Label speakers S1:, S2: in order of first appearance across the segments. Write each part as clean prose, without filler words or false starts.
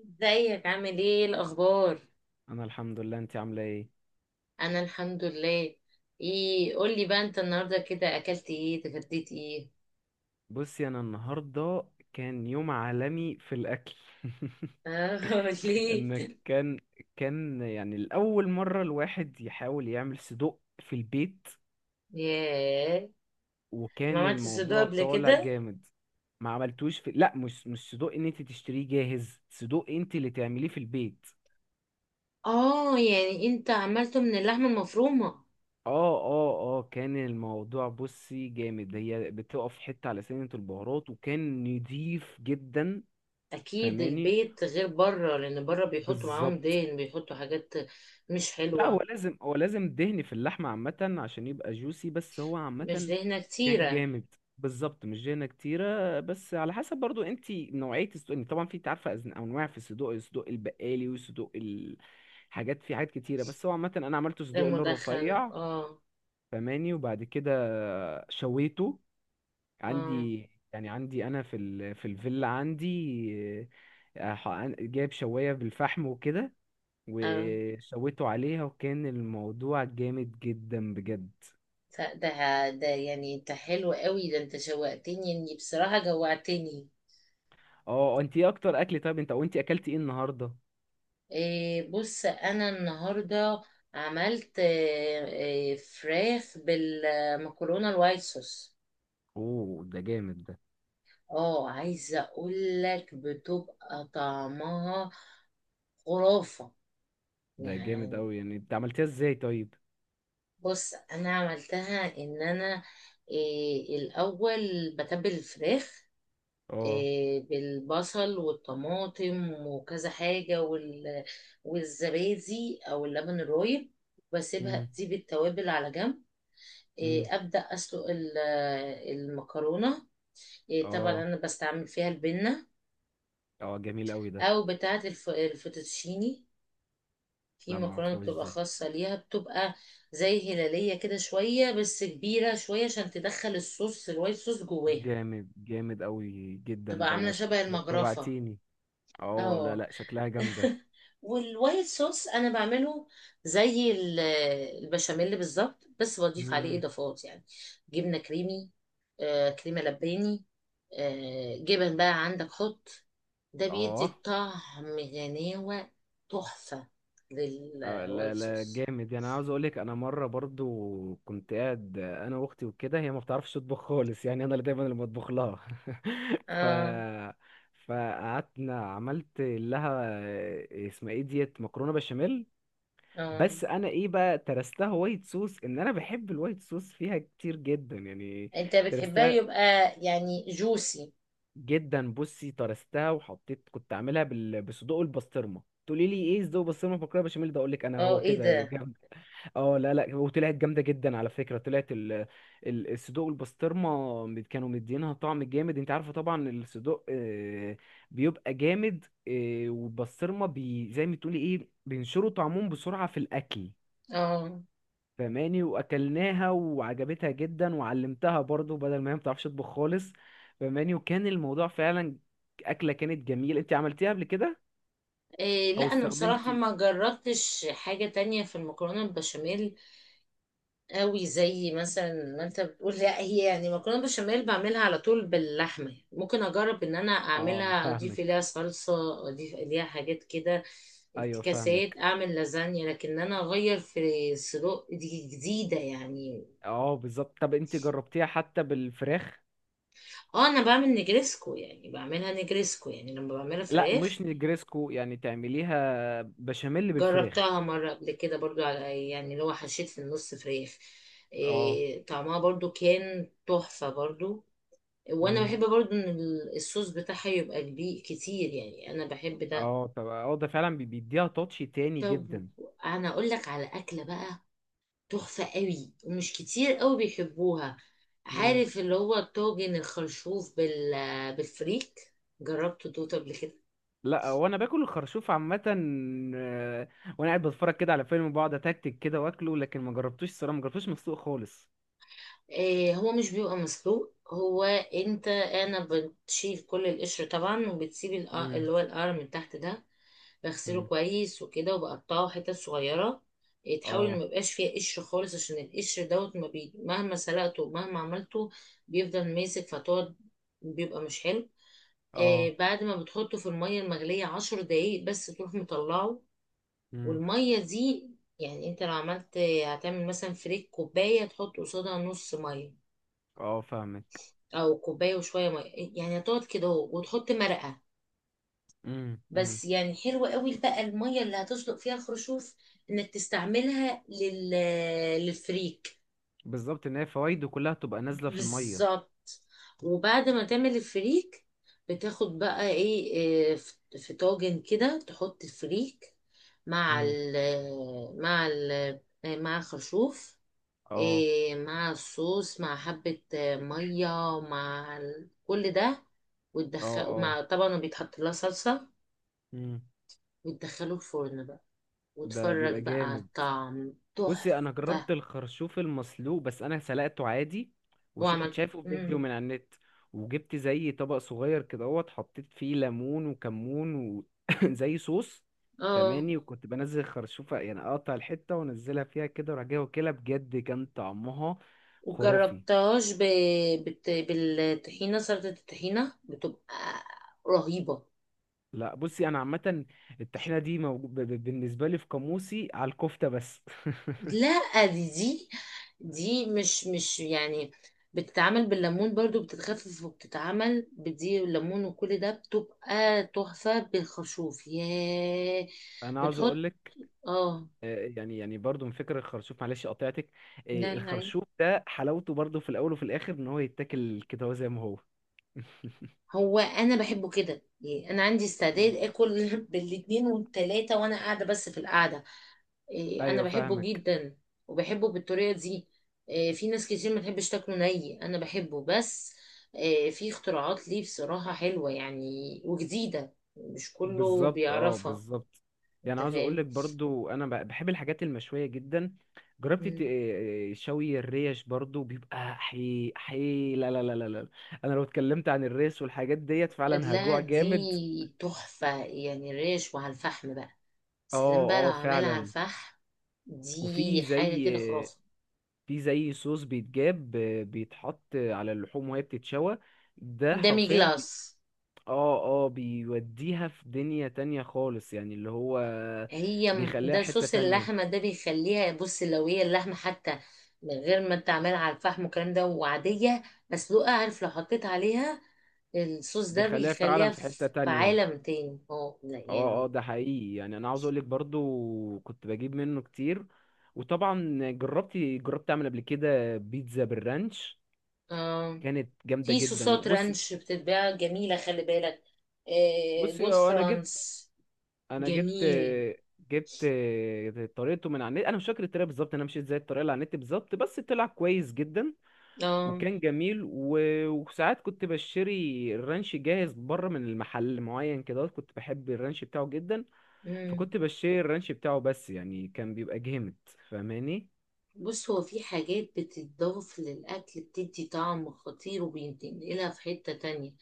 S1: ازيك، عامل ايه؟ إيه الاخبار؟
S2: انا الحمد لله، انت عامله ايه؟
S1: انا الحمد لله. ايه، قولي بقى انت النهارده كده اكلت ايه، اتغديت ايه؟
S2: بصي، انا النهارده كان يوم عالمي في الاكل.
S1: اه. ليه؟
S2: ان كان كان يعني الاول مره الواحد يحاول يعمل صدق في البيت،
S1: ياه. ما
S2: وكان
S1: عملتش صدوق
S2: الموضوع
S1: قبل
S2: طالع
S1: كده؟
S2: جامد. ما عملتوش في، لا، مش صدق ان انت تشتريه جاهز، صدق انت اللي تعمليه في البيت.
S1: اه، يعني انت عملته من اللحمه المفرومه؟
S2: اه، اه، اه، كان الموضوع بصي جامد، هي بتقف حته على سنة البهارات وكان نضيف جدا.
S1: اكيد
S2: فاهماني؟
S1: البيت غير بره، لان بره بيحطوا معاهم
S2: بالظبط.
S1: دهن، بيحطوا حاجات مش
S2: لا، هو
S1: حلوه.
S2: لازم هو لازم دهن في اللحمة عامة عشان يبقى جوسي، بس هو عامة
S1: مش دهنه
S2: كان
S1: كتيره؟
S2: جامد. بالظبط، مش دهنة كتيرة، بس على حسب برضو انت نوعية الصدوق، إن طبعا في، انت عارفة، انواع في الصدوق البقالي، والصدوق في حاجات كتيرة، بس هو عامة انا عملت صدوق اللي هو
S1: المدخن،
S2: الرفيع.
S1: اه.
S2: فماني، وبعد كده شويته
S1: اه
S2: عندي، يعني عندي انا في في الفيلا عندي. جايب شواية بالفحم وكده،
S1: اه.
S2: وشويته عليها وكان الموضوع جامد جدا بجد.
S1: ده، يعني انت حلو قوي، ده انت شوقتني، اني بصراحة جوعتني.
S2: اه. انت ايه اكتر اكل طيب؟ انت، وانت اكلتي ايه النهارده؟
S1: إيه، بص انا النهاردة عملت، إيه، فراخ بالمكرونة الوايت صوص.
S2: اوه، ده جامد ده.
S1: اه، عايزة اقول لك بتبقى طعمها خرافة.
S2: ده جامد
S1: يعني
S2: قوي، يعني انت عملتيها ازاي طيب؟
S1: بص، انا عملتها ان انا، إيه، الاول بتبل الفراخ،
S2: اه،
S1: آه، بالبصل والطماطم وكذا حاجة، والزبادي أو اللبن الرايب، واسيبها
S2: امم،
S1: تسيب التوابل على جنب، آه،
S2: امم،
S1: أبدأ أسلق المكرونة، آه، طبعا
S2: اه،
S1: أنا بستعمل فيها البنة،
S2: اه، جميل قوي ده.
S1: أو بتاعة الفوتوتشيني. في
S2: لا، ما
S1: مكرونة
S2: اعرفهاش
S1: بتبقى
S2: دي.
S1: خاصة ليها، بتبقى زي هلالية كده شوية، بس كبيرة شوية عشان تدخل الصوص الوايت صوص جواها،
S2: جامد، جامد قوي جدا
S1: تبقى عاملة
S2: دوت.
S1: شبه المجرفة.
S2: جوعتيني. اه، لا،
S1: اه.
S2: لا، شكلها جامده.
S1: والوايت صوص انا بعمله زي البشاميل بالظبط، بس بضيف عليه
S2: امم.
S1: اضافات يعني: جبنه كريمي، آه كريمه لباني، آه جبن بقى عندك حط، ده بيدي
S2: اه.
S1: طعم غناوه، تحفه،
S2: لا،
S1: للوايت
S2: لا،
S1: صوص.
S2: جامد. يعني أنا عاوز اقولك، انا مره برضو كنت قاعد، انا واختي وكده، هي ما بتعرفش تطبخ خالص، يعني انا اللي دايما اللي بطبخ لها. ف
S1: اه
S2: فقعدنا عملت لها، اسمها ايه ديت، مكرونه بشاميل.
S1: اه،
S2: بس انا ايه بقى، ترستها وايت صوص، ان انا بحب الوايت صوص فيها كتير جدا يعني.
S1: انت بتحبها
S2: ترستها
S1: يبقى، يعني جوسي.
S2: جدا. بصي، ترستها، وحطيت كنت عاملها بصدوق البسطرمه. تقولي لي ايه صدوق البسطرمه في مكرونه بشاميل؟ ده اقول لك انا
S1: اه،
S2: هو
S1: ايه
S2: كده
S1: ده.
S2: جنب. اه، لا، لا، وطلعت جامده جدا على فكره. طلعت الصدوق والبسطرمه كانوا مدينها طعم جامد. انت عارفه طبعا الصدوق بيبقى جامد، والبسطرمه زي ما تقولي ايه، بينشروا طعمهم بسرعه في الاكل.
S1: اه.
S2: فماني، واكلناها وعجبتها جدا، وعلمتها برضو بدل ما هي ما بتعرفش تطبخ خالص. فماني، وكان الموضوع فعلا اكله كانت جميله. انت عملتيها قبل كده
S1: إيه
S2: او
S1: لا، انا بصراحه
S2: استخدمتي؟
S1: ما جربتش حاجه تانية في المكرونه البشاميل قوي زي مثلا ما انت بتقول، لا هي يعني مكرونه بشاميل بعملها على طول باللحمه، ممكن اجرب ان انا
S2: اه،
S1: اعملها اضيف
S2: فاهمك.
S1: اليها صلصه، اضيف اليها حاجات كده
S2: ايوه، فاهمك.
S1: افتكاسات، اعمل لازانيا، لكن انا اغير في الصدوق، دي جديده يعني.
S2: اه، بالظبط. طب انت جربتيها حتى بالفراخ؟
S1: اه، انا بعمل نجريسكو، يعني بعملها نجريسكو يعني لما بعملها
S2: لا،
S1: فراخ.
S2: مش نجريسكو، يعني تعمليها بشاميل بالفراخ.
S1: جربتها مره قبل كده برضو، على يعني اللي هو حشيت في النص فراخ،
S2: اه.
S1: إيه طعمها برضو كان تحفه برضو. وانا
S2: امم.
S1: بحب برضو ان الصوص بتاعها يبقى كبير كتير، يعني انا بحب ده.
S2: اه، طب، اه، ده فعلا بيديها تاتش تاني
S1: طب،
S2: جدا.
S1: انا اقول لك على اكله بقى، تحفه قوي ومش كتير قوي بيحبوها،
S2: امم.
S1: عارف؟ اللي هو الطاجن الخرشوف بالفريك، جربته دوت قبل كده؟
S2: لا، وانا باكل الخرشوف عامه. آه، وانا قاعد بتفرج كده على فيلم، بقعد اتكتك كده واكله، لكن ما جربتوش الصراحه، ما جربتوش مسلوق خالص.
S1: إيه، هو مش بيبقى مسلوق هو. انت، انا بتشيل كل القشر طبعا وبتسيب اللي
S2: امم.
S1: هو القرع من تحت ده، بغسله
S2: امم.
S1: كويس وكده وبقطعه حتت صغيرة. إيه، تحاول إن
S2: اه.
S1: ميبقاش فيها قشر خالص، عشان القشر دوت ما بي... مهما سلقته ومهما عملته بيفضل ماسك، فتقعد بيبقى مش حلو. آه،
S2: اه.
S1: بعد ما بتحطه في المية المغلية 10 دقايق بس تروح مطلعه،
S2: امم.
S1: والمية دي، يعني انت لو عملت هتعمل مثلا فريك كوباية تحط قصادها نص مية،
S2: اه، فاهمك.
S1: أو كوباية وشوية مية، يعني هتقعد كده اهو وتحط مرقة،
S2: امم. امم.
S1: بس يعني حلوة قوي بقى المية اللي هتسلق فيها خرشوف انك تستعملها للفريك.
S2: بالظبط، ان هي فوايده كلها تبقى نازله في الميه.
S1: بالظبط. وبعد ما تعمل الفريك بتاخد بقى، ايه، في طاجن كده تحط الفريك، مع
S2: امم.
S1: ال مع ال آه، مع الخرشوف،
S2: اه.
S1: إيه، مع الصوص، مع حبة آه، مية، كل ده،
S2: اه.
S1: وتدخله،
S2: اه.
S1: مع طبعا بيتحط لها صلصة،
S2: مم.
S1: وتدخله الفرن بقى،
S2: ده
S1: واتفرج
S2: بيبقى
S1: بقى على
S2: جامد.
S1: الطعم،
S2: بصي، انا
S1: تحفة.
S2: جربت الخرشوف المسلوق، بس انا سلقته عادي، وشو كنت
S1: واعمل.
S2: شايفه في فيديو
S1: مم.
S2: من على النت، وجبت زي طبق صغير كده اهوت، حطيت فيه ليمون وكمون زي صوص.
S1: اه.
S2: فماني، وكنت بنزل خرشوفة، يعني اقطع الحتة وانزلها فيها كده وراح جاي واكلها، بجد كان طعمها خرافي.
S1: وجربتهاش ب... بالطحينة، سلطة الطحينة بتبقى رهيبة.
S2: لا، بصي، انا عامة الطحينة دي بالنسبة لي في قاموسي على الكفتة بس.
S1: لا، دي مش يعني، بتتعمل بالليمون برضو، بتتخفف، وبتتعمل بدي والليمون وكل ده، بتبقى تحفة بالخرشوف، ياه.
S2: انا عاوز
S1: بتحط.
S2: اقولك،
S1: اه
S2: يعني برضو من فكرة الخرشوف، معلش قطعتك،
S1: لا لا.
S2: الخرشوف ده حلاوته برضو في الأول وفي الآخر، إن هو يتاكل كده هو زي ما هو.
S1: هو انا بحبه كده، يعني انا عندي استعداد اكل بالاتنين والتلاتة وانا قاعده بس في القعده. إيه، انا
S2: أيوه،
S1: بحبه
S2: فاهمك.
S1: جدا، وبحبه بالطريقه دي. إيه، في ناس كتير ما تحبش تاكله، ني انا بحبه بس. إيه، في اختراعات ليه بصراحه حلوه يعني، وجديده مش كله
S2: بالظبط. أه،
S1: بيعرفها.
S2: بالظبط. يعني
S1: انت
S2: عاوز
S1: فاهم؟
S2: أقولك برضو، أنا بحب الحاجات المشوية جدا. جربت
S1: مم.
S2: شوي الريش برضو بيبقى حي حي. لا، لا، لا، لا، لا. أنا لو اتكلمت عن الريش والحاجات ديت فعلا
S1: لا،
S2: هجوع جامد.
S1: دي تحفه، يعني ريش وعلى الفحم بقى،
S2: أه.
S1: سلام بقى لو
S2: أه،
S1: عمال على
S2: فعلا.
S1: الفحم،
S2: وفي
S1: دي حاجه
S2: زي
S1: كده خرافه.
S2: في زي صوص بيتجاب، بيتحط على اللحوم وهي بتتشوى. ده
S1: دامي
S2: حرفيا
S1: جلاس.
S2: اه، اه، بيوديها في دنيا تانية خالص، يعني اللي هو
S1: هي
S2: بيخليها
S1: ده
S2: حتة
S1: صوص
S2: تانية.
S1: اللحمه ده بيخليها، بص، لو هي اللحمه حتى من غير ما انت عاملها على الفحم والكلام ده وعاديه مسلوقه، عارف، لو حطيت عليها الصوص ده
S2: بيخليها
S1: بيخليها
S2: فعلا في حتة
S1: في
S2: تانية.
S1: عالم تاني، اه لا
S2: اه، اه،
S1: يعني.
S2: ده حقيقي. يعني انا عاوز اقولك برضو كنت بجيب منه كتير. وطبعا جربت اعمل قبل كده بيتزا بالرانش،
S1: آه،
S2: كانت جامدة
S1: في
S2: جدا.
S1: صوصات
S2: بصي
S1: رانش بتتباع جميله، خلي بالك، آه
S2: بصي
S1: جود
S2: انا جبت
S1: فرانس.
S2: انا جبت
S1: جميل.
S2: جبت طريقته من على النت. انا مش فاكر الطريقه بالظبط، انا مشيت زي الطريقه اللي على النت بالظبط، بس طلع كويس جدا،
S1: اه.
S2: وكان جميل، و... وساعات كنت بشتري الرانش جاهز بره من المحل معين كده، كنت بحب الرانش بتاعه جدا.
S1: مم.
S2: فكنت بشتري الرانش بتاعه، بس يعني كان بيبقى جامد. فاهماني؟
S1: بص، هو في حاجات بتتضاف للأكل بتدي طعم خطير وبينتقلها في حتة تانية،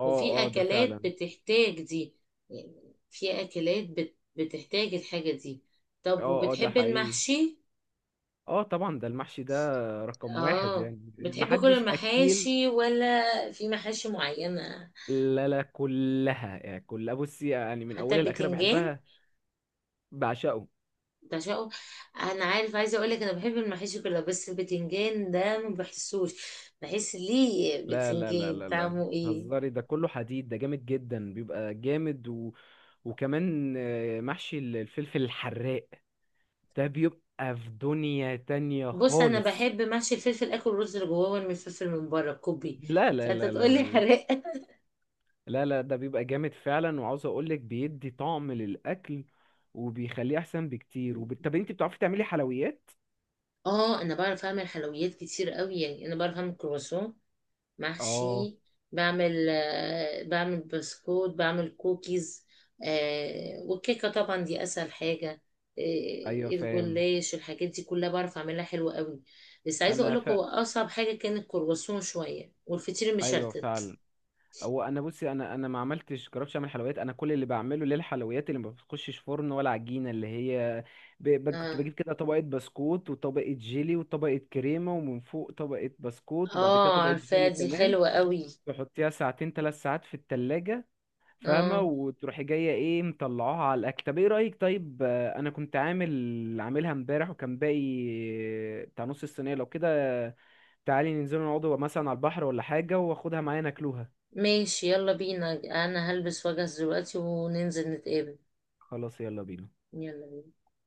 S2: اه،
S1: وفي
S2: اه، ده
S1: اكلات
S2: فعلا.
S1: بتحتاج دي، يعني في اكلات بتحتاج الحاجة دي. طب،
S2: اه، اه، ده
S1: وبتحب
S2: حقيقي.
S1: المحشي؟
S2: اه، طبعا، ده المحشي ده رقم واحد،
S1: اه،
S2: يعني
S1: بتحب كل
S2: محدش اكيل.
S1: المحاشي، ولا في محاشي معينة؟
S2: لا، لا، كلها يعني كلها بصي، يعني من
S1: حتى
S2: اولها لاخرها
S1: البتنجان؟
S2: بحبها. بعشقه.
S1: بعشقه. انا عارف، عايزه اقول لك، انا بحب المحاشي كلها، بس البتنجان ده ما بحسوش، بحس ليه
S2: لا، لا، لا،
S1: بتنجان،
S2: لا، لا،
S1: طعمه ايه؟
S2: هزاري، ده كله حديد، ده جامد جدا، بيبقى جامد. و... وكمان، محشي الفلفل الحراق ده بيبقى في دنيا تانية
S1: بص، انا
S2: خالص.
S1: بحب محشي الفلفل، اكل الرز اللي جواه من الفلفل من بره، كوبي،
S2: لا، لا،
S1: فانت
S2: لا، لا،
S1: تقول لي
S2: لا،
S1: حراق؟
S2: لا، لا، ده بيبقى جامد فعلا. وعاوز اقولك، بيدي طعم للأكل وبيخليه احسن بكتير، طب انت بتعرفي تعملي حلويات؟
S1: اه، انا بعرف اعمل حلويات كتير قوي، يعني انا بعرف اعمل كرواسون
S2: اه،
S1: محشي، بعمل بسكوت، بعمل كوكيز، آه والكيكه طبعا دي اسهل حاجه،
S2: ايوه،
S1: آه
S2: فاهم.
S1: الجلاش، الحاجات دي كلها بعرف اعملها حلوه قوي. بس عايزه اقول
S2: انا
S1: لك هو اصعب حاجه كان الكرواسون شويه والفطير
S2: ايوه،
S1: المشلتت.
S2: فعلا. هو انا بصي، انا ما عملتش جربتش اعمل حلويات. انا كل اللي بعمله للحلويات اللي ما بتخشش فرن ولا عجينه، اللي هي كنت
S1: اه
S2: بجيب كده طبقه بسكوت وطبقه جيلي وطبقه كريمه، ومن فوق طبقه بسكوت، وبعد كده
S1: اه،
S2: طبقه
S1: عارفاه
S2: جيلي
S1: دي
S2: كمان،
S1: حلوه قوي.
S2: تحطيها ساعتين 3 ساعات في التلاجة. فاهمه؟
S1: اه،
S2: وتروحي جايه ايه مطلعوها على الاكل. طب ايه رايك؟ طيب، انا كنت عاملها امبارح وكان باقي بتاع نص الصينيه لو كده، تعالي ننزل نقعد مثلا على البحر ولا حاجه، واخدها معايا ناكلوها.
S1: ماشي، يلا بينا. انا هلبس واجهز دلوقتي وننزل نتقابل.
S2: خلاص، يلا بينا.
S1: يلا بينا.